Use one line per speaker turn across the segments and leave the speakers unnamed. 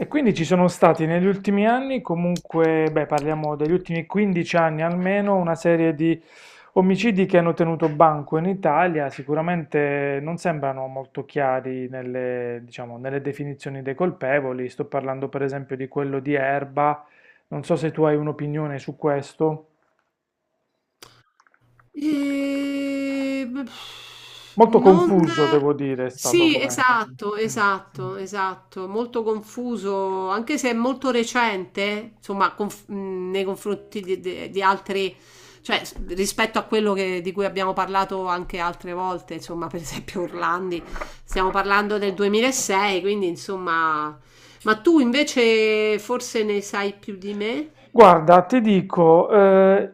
E quindi ci sono stati negli ultimi anni, comunque, beh, parliamo degli ultimi 15 anni almeno, una serie di omicidi che hanno tenuto banco in Italia, sicuramente non sembrano molto chiari diciamo, nelle definizioni dei colpevoli. Sto parlando per esempio di quello di Erba, non so se tu hai un'opinione su questo.
Ehm,
Molto
non
confuso, devo dire, è stato
sì,
com'è.
esatto, esatto, esatto, molto confuso, anche se è molto recente, insomma, nei confronti di altri, rispetto a quello di cui abbiamo parlato anche altre volte, insomma, per esempio Orlandi, stiamo parlando del 2006, quindi insomma, ma tu invece forse ne sai più di me?
Guarda, ti dico,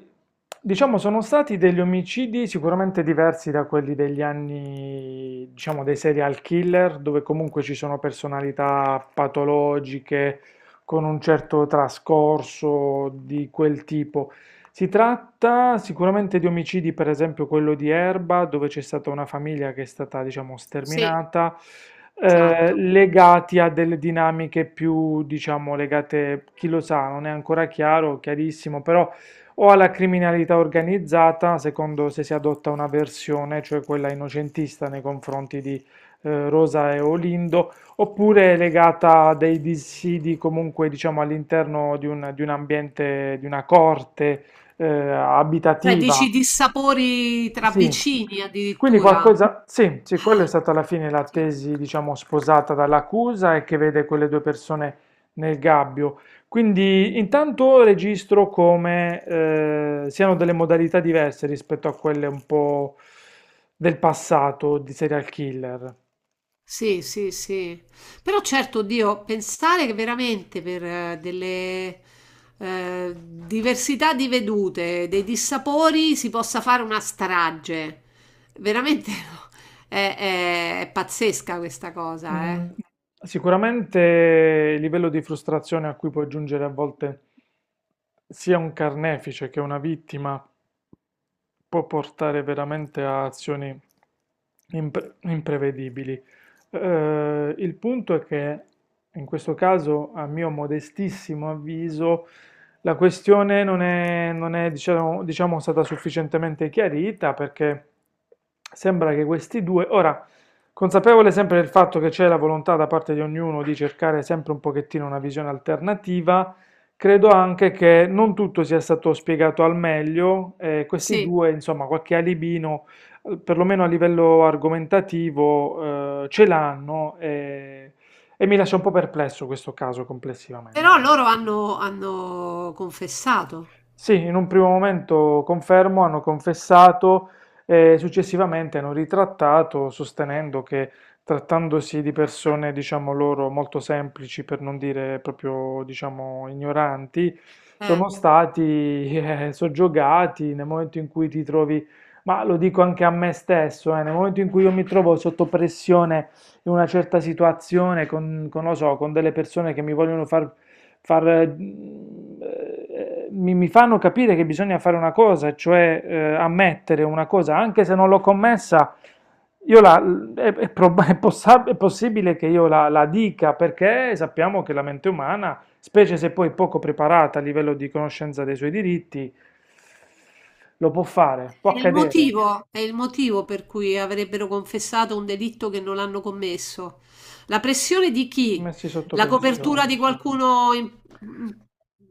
diciamo sono stati degli omicidi sicuramente diversi da quelli degli anni, diciamo, dei serial killer, dove comunque ci sono personalità patologiche con un certo trascorso di quel tipo. Si tratta sicuramente di omicidi, per esempio quello di Erba, dove c'è stata una famiglia che è stata, diciamo,
Sì,
sterminata,
esatto.
legati a delle dinamiche più, diciamo, legate, chi lo sa, non è ancora chiaro, chiarissimo, però o alla criminalità organizzata, secondo se si adotta una versione, cioè quella innocentista nei confronti di Rosa e Olindo, oppure è legata a dei dissidi comunque, diciamo, all'interno di un ambiente, di una corte
Cioè,
abitativa.
dici dissapori tra
Sì,
vicini
quindi
addirittura?
qualcosa, sì, sì, quello è stata alla fine la
Oddio.
tesi, diciamo, sposata dall'accusa e che vede quelle due persone nel gabbio. Quindi intanto registro come siano delle modalità diverse rispetto a quelle un po' del passato di serial killer.
Sì, sì, sì. Però certo, Dio, pensare che veramente per delle eh, diversità di vedute, dei dissapori, si possa fare una strage. Veramente è, è pazzesca questa cosa,
Mm,
eh.
Sicuramente il livello di frustrazione a cui può giungere a volte sia un carnefice che una vittima può portare veramente a azioni imprevedibili. Il punto è che in questo caso, a mio modestissimo avviso, la questione non è, diciamo, stata sufficientemente chiarita perché sembra che questi due, ora, consapevole sempre del fatto che c'è la volontà da parte di ognuno di cercare sempre un pochettino una visione alternativa, credo anche che non tutto sia stato spiegato al meglio e questi
Sì.
due, insomma, qualche alibino, perlomeno a livello argomentativo, ce l'hanno e mi lascia un po' perplesso questo caso
Però
complessivamente.
hanno confessato.
Sì, in un primo momento confermo, hanno confessato e successivamente hanno ritrattato sostenendo che trattandosi di persone, diciamo loro, molto semplici, per non dire proprio, diciamo, ignoranti,
Eh.
sono stati soggiogati nel momento in cui ti trovi, ma lo dico anche a me stesso, nel momento in cui io mi trovo sotto pressione in una certa situazione con, lo so, con delle persone che mi vogliono far, eh, mi fanno capire che bisogna fare una cosa, cioè ammettere una cosa, anche se non l'ho commessa, io la, è prob- è possa- è possibile che io la dica perché sappiamo che la mente umana, specie se poi poco preparata a livello di conoscenza dei suoi diritti, lo può fare, può accadere,
È il motivo per cui avrebbero confessato un delitto che non hanno commesso. La pressione di chi?
messi sotto
La
pressione.
copertura di qualcuno... in-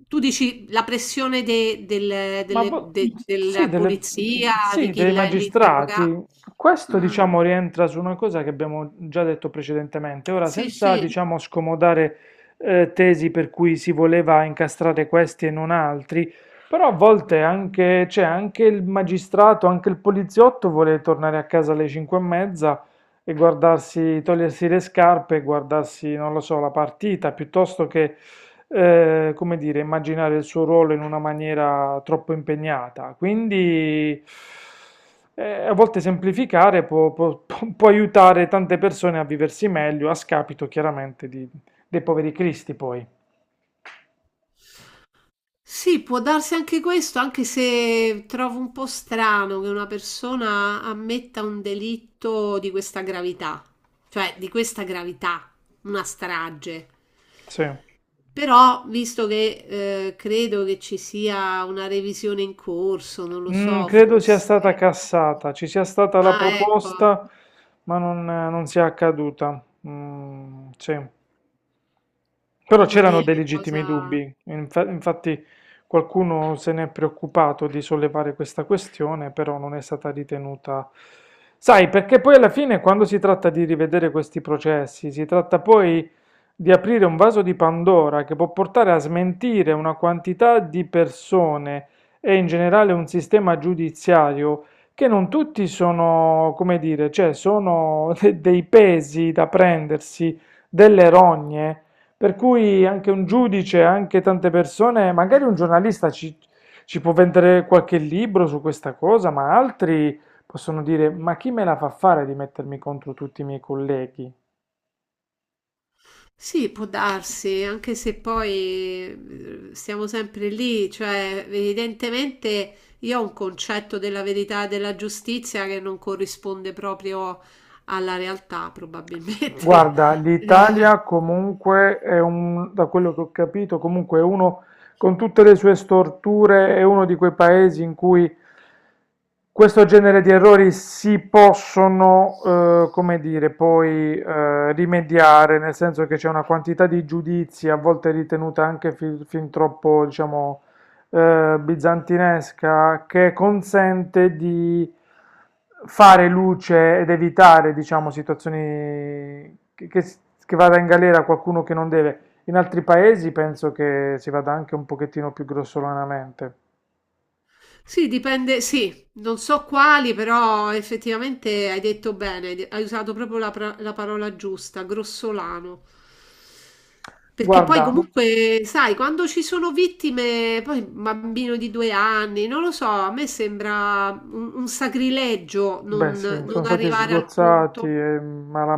tu dici la pressione de- del-
Ma
delle-
boh,
de-
sì,
della polizia, di
sì,
chi
dei
l'interroga?
magistrati. Questo,
Mm,
diciamo, rientra su una cosa che abbiamo già detto precedentemente. Ora,
sì,
senza,
sì.
diciamo, scomodare tesi per cui si voleva incastrare questi e non altri, però a volte anche, cioè, anche il magistrato, anche il poliziotto vuole tornare a casa alle 5 e mezza e guardarsi, togliersi le scarpe e guardarsi, non lo so, la partita, piuttosto che come dire, immaginare il suo ruolo in una maniera troppo impegnata. Quindi a volte semplificare può aiutare tante persone a viversi meglio, a scapito chiaramente dei poveri cristi poi.
Sì, può darsi anche questo, anche se trovo un po' strano che una persona ammetta un delitto di questa gravità, cioè di questa gravità, una strage.
Sì.
Però, visto che credo che ci sia una revisione in corso, non lo so,
Credo sia
forse.
stata cassata, ci sia stata la
Ah, ecco,
proposta, ma non sia accaduta. Mm, sì. Però
mamma
c'erano
mia,
dei
che
legittimi
cosa.
dubbi, infatti qualcuno se n'è preoccupato di sollevare questa questione, però non è stata ritenuta. Sai, perché poi alla fine quando si tratta di rivedere questi processi, si tratta poi di aprire un vaso di Pandora che può portare a smentire una quantità di persone e in generale un sistema giudiziario che non tutti sono, come dire, cioè sono dei pesi da prendersi, delle rogne per cui anche un giudice, anche tante persone, magari un giornalista ci, ci può vendere qualche libro su questa cosa, ma altri possono dire: Ma chi me la fa fare di mettermi contro tutti i miei colleghi?
Sì, può darsi, anche se poi siamo sempre lì, cioè evidentemente io ho un concetto della verità e della giustizia che non corrisponde proprio alla realtà, probabilmente.
Guarda, l'Italia comunque è un, da quello che ho capito, comunque è uno, con tutte le sue storture, è uno di quei paesi in cui questo genere di errori si possono, come dire, poi rimediare, nel senso che c'è una quantità di giudizi, a volte ritenuta anche fin troppo, diciamo, bizantinesca, che consente di fare luce ed evitare, diciamo, situazioni che che vada in galera qualcuno che non deve. In altri paesi penso che si vada anche un pochettino più grossolanamente.
Sì, dipende, sì, non so quali, però effettivamente hai detto bene, hai usato proprio la parola giusta, grossolano. Perché poi
Guarda.
comunque, sai, quando ci sono vittime, poi un bambino di due anni, non lo so, a me sembra un sacrilegio
Beh, sì, sono
non
stati
arrivare al
sgozzati
punto.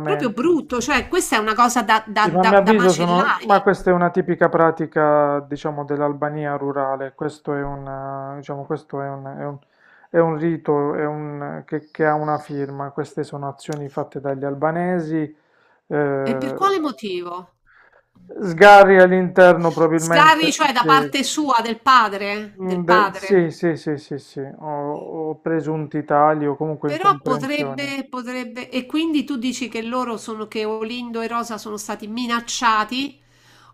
Proprio brutto, cioè questa è una cosa
Sì, ma a mio
da
avviso Ma
macellare.
questa è una tipica pratica, diciamo, dell'Albania rurale. Questo diciamo, questo è un, è un- è un rito, che ha una firma. Queste sono azioni fatte dagli albanesi.
E per
eh,
quale motivo?
Sgarri all'interno
Sgravi,
probabilmente.
cioè da
Sì,
parte sua, del padre.
sì, sì, sì, sì, sì, o presunti tagli o comunque
Però
incomprensioni.
potrebbe, e quindi tu dici che Olindo e Rosa sono stati minacciati,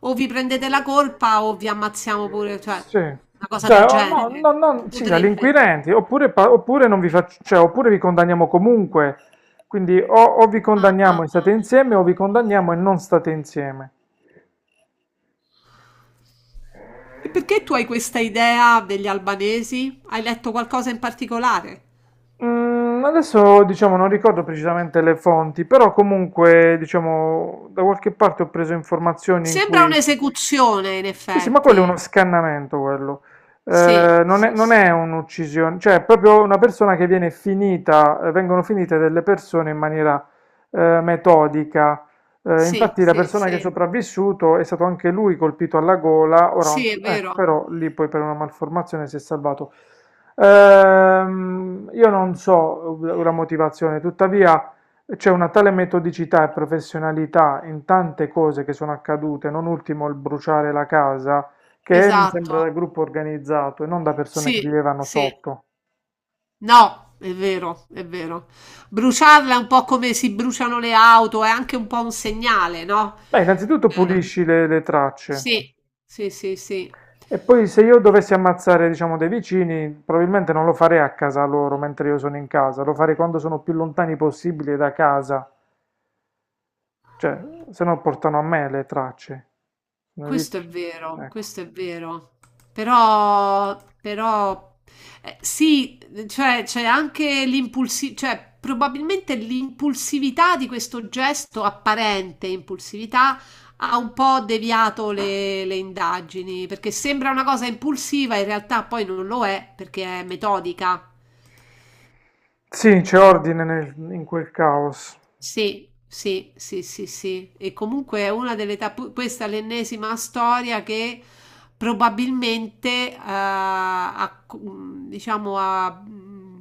o vi prendete la colpa o vi ammazziamo pure, cioè,
Sì.
una cosa
Cioè,
del
oh, no,
genere.
no, no, sì, dagli
Potrebbe.
inquirenti, oppure, oppure non vi faccio, cioè, oppure vi condanniamo comunque. Quindi o, vi
Ah, ah,
condanniamo e state
ah.
insieme o vi condanniamo e non state insieme.
E perché tu hai questa idea degli albanesi? Hai letto qualcosa in particolare?
Adesso diciamo non ricordo precisamente le fonti, però comunque diciamo da qualche parte ho preso informazioni in
Sembra
cui...
un'esecuzione, in
Sì, sì, ma quello è uno
effetti.
scannamento, quello.
Sì,
Non è,
sì,
non
sì.
è un'uccisione, cioè è proprio una persona che viene finita, vengono finite delle persone in maniera metodica.
Sì,
Infatti la
sì,
persona che è
sì.
sopravvissuto è stato anche lui colpito alla gola, ora non
Sì, è
so- ecco,
vero,
però lì poi per una malformazione si è salvato. Io non so la motivazione, tuttavia c'è una tale metodicità e professionalità in tante cose che sono accadute, non ultimo il bruciare la casa, che mi sembra
esatto.
da gruppo organizzato e non da persone che
Sì,
vivevano
sì.
sotto.
No, è vero, è vero. Bruciarla è un po' come si bruciano le auto, è anche un po' un segnale, no?
Beh, innanzitutto
Eh,
pulisci le tracce
sì, sì, sì, sì.
e poi se io dovessi ammazzare, diciamo, dei vicini, probabilmente non lo farei a casa loro mentre io sono in casa, lo farei quando sono più lontani possibile da casa. Cioè, se no portano a me le tracce. Sono i
Questo è
vic-
vero,
Ecco.
questo è vero. Però, però, sì, cioè c'è anche l'impulsività, cioè probabilmente l'impulsività di questo gesto, apparente impulsività, ha un po' deviato le indagini, perché sembra una cosa impulsiva, in realtà poi non lo è, perché è metodica.
Sì, c'è ordine in quel caos.
Sì, sì, sì, sì, sì. E comunque è una delle tappe, questa è l'ennesima storia che probabilmente ha, mm, diciamo, ha mm,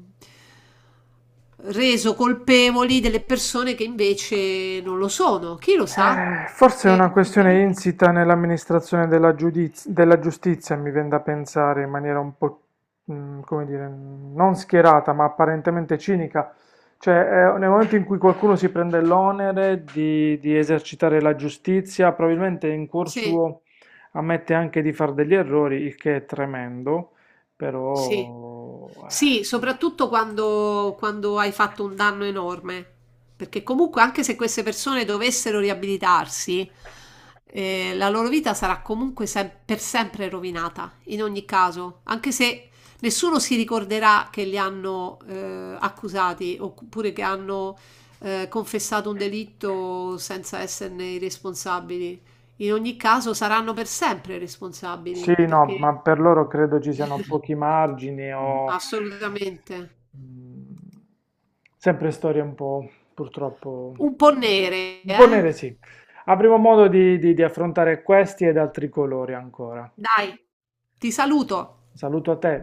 reso colpevoli delle persone che invece non lo sono. Chi lo sa?
Forse è
Che
una questione
effettivamente.
insita nell'amministrazione della giustizia, mi viene da pensare in maniera un po', come dire, non schierata, ma apparentemente cinica. Cioè, nel momento in cui qualcuno si prende l'onere di esercitare la giustizia, probabilmente in cuor
Sì.
suo ammette anche di fare degli errori, il che è tremendo,
Sì.
però.
Sì, soprattutto quando hai fatto un danno enorme, perché comunque anche se queste persone dovessero riabilitarsi, la loro vita sarà comunque per sempre rovinata, in ogni caso, anche se nessuno si ricorderà che li hanno accusati oppure che hanno confessato un delitto senza esserne i responsabili. In ogni caso saranno per sempre
Sì,
responsabili,
no,
perché
ma per loro credo ci siano pochi margini o
assolutamente.
mm, sempre storie un po', purtroppo,
Un po' nere,
un po'
eh.
nere, sì. Avremo modo di affrontare questi ed altri colori ancora.
Dai, ti saluto.
Saluto a te.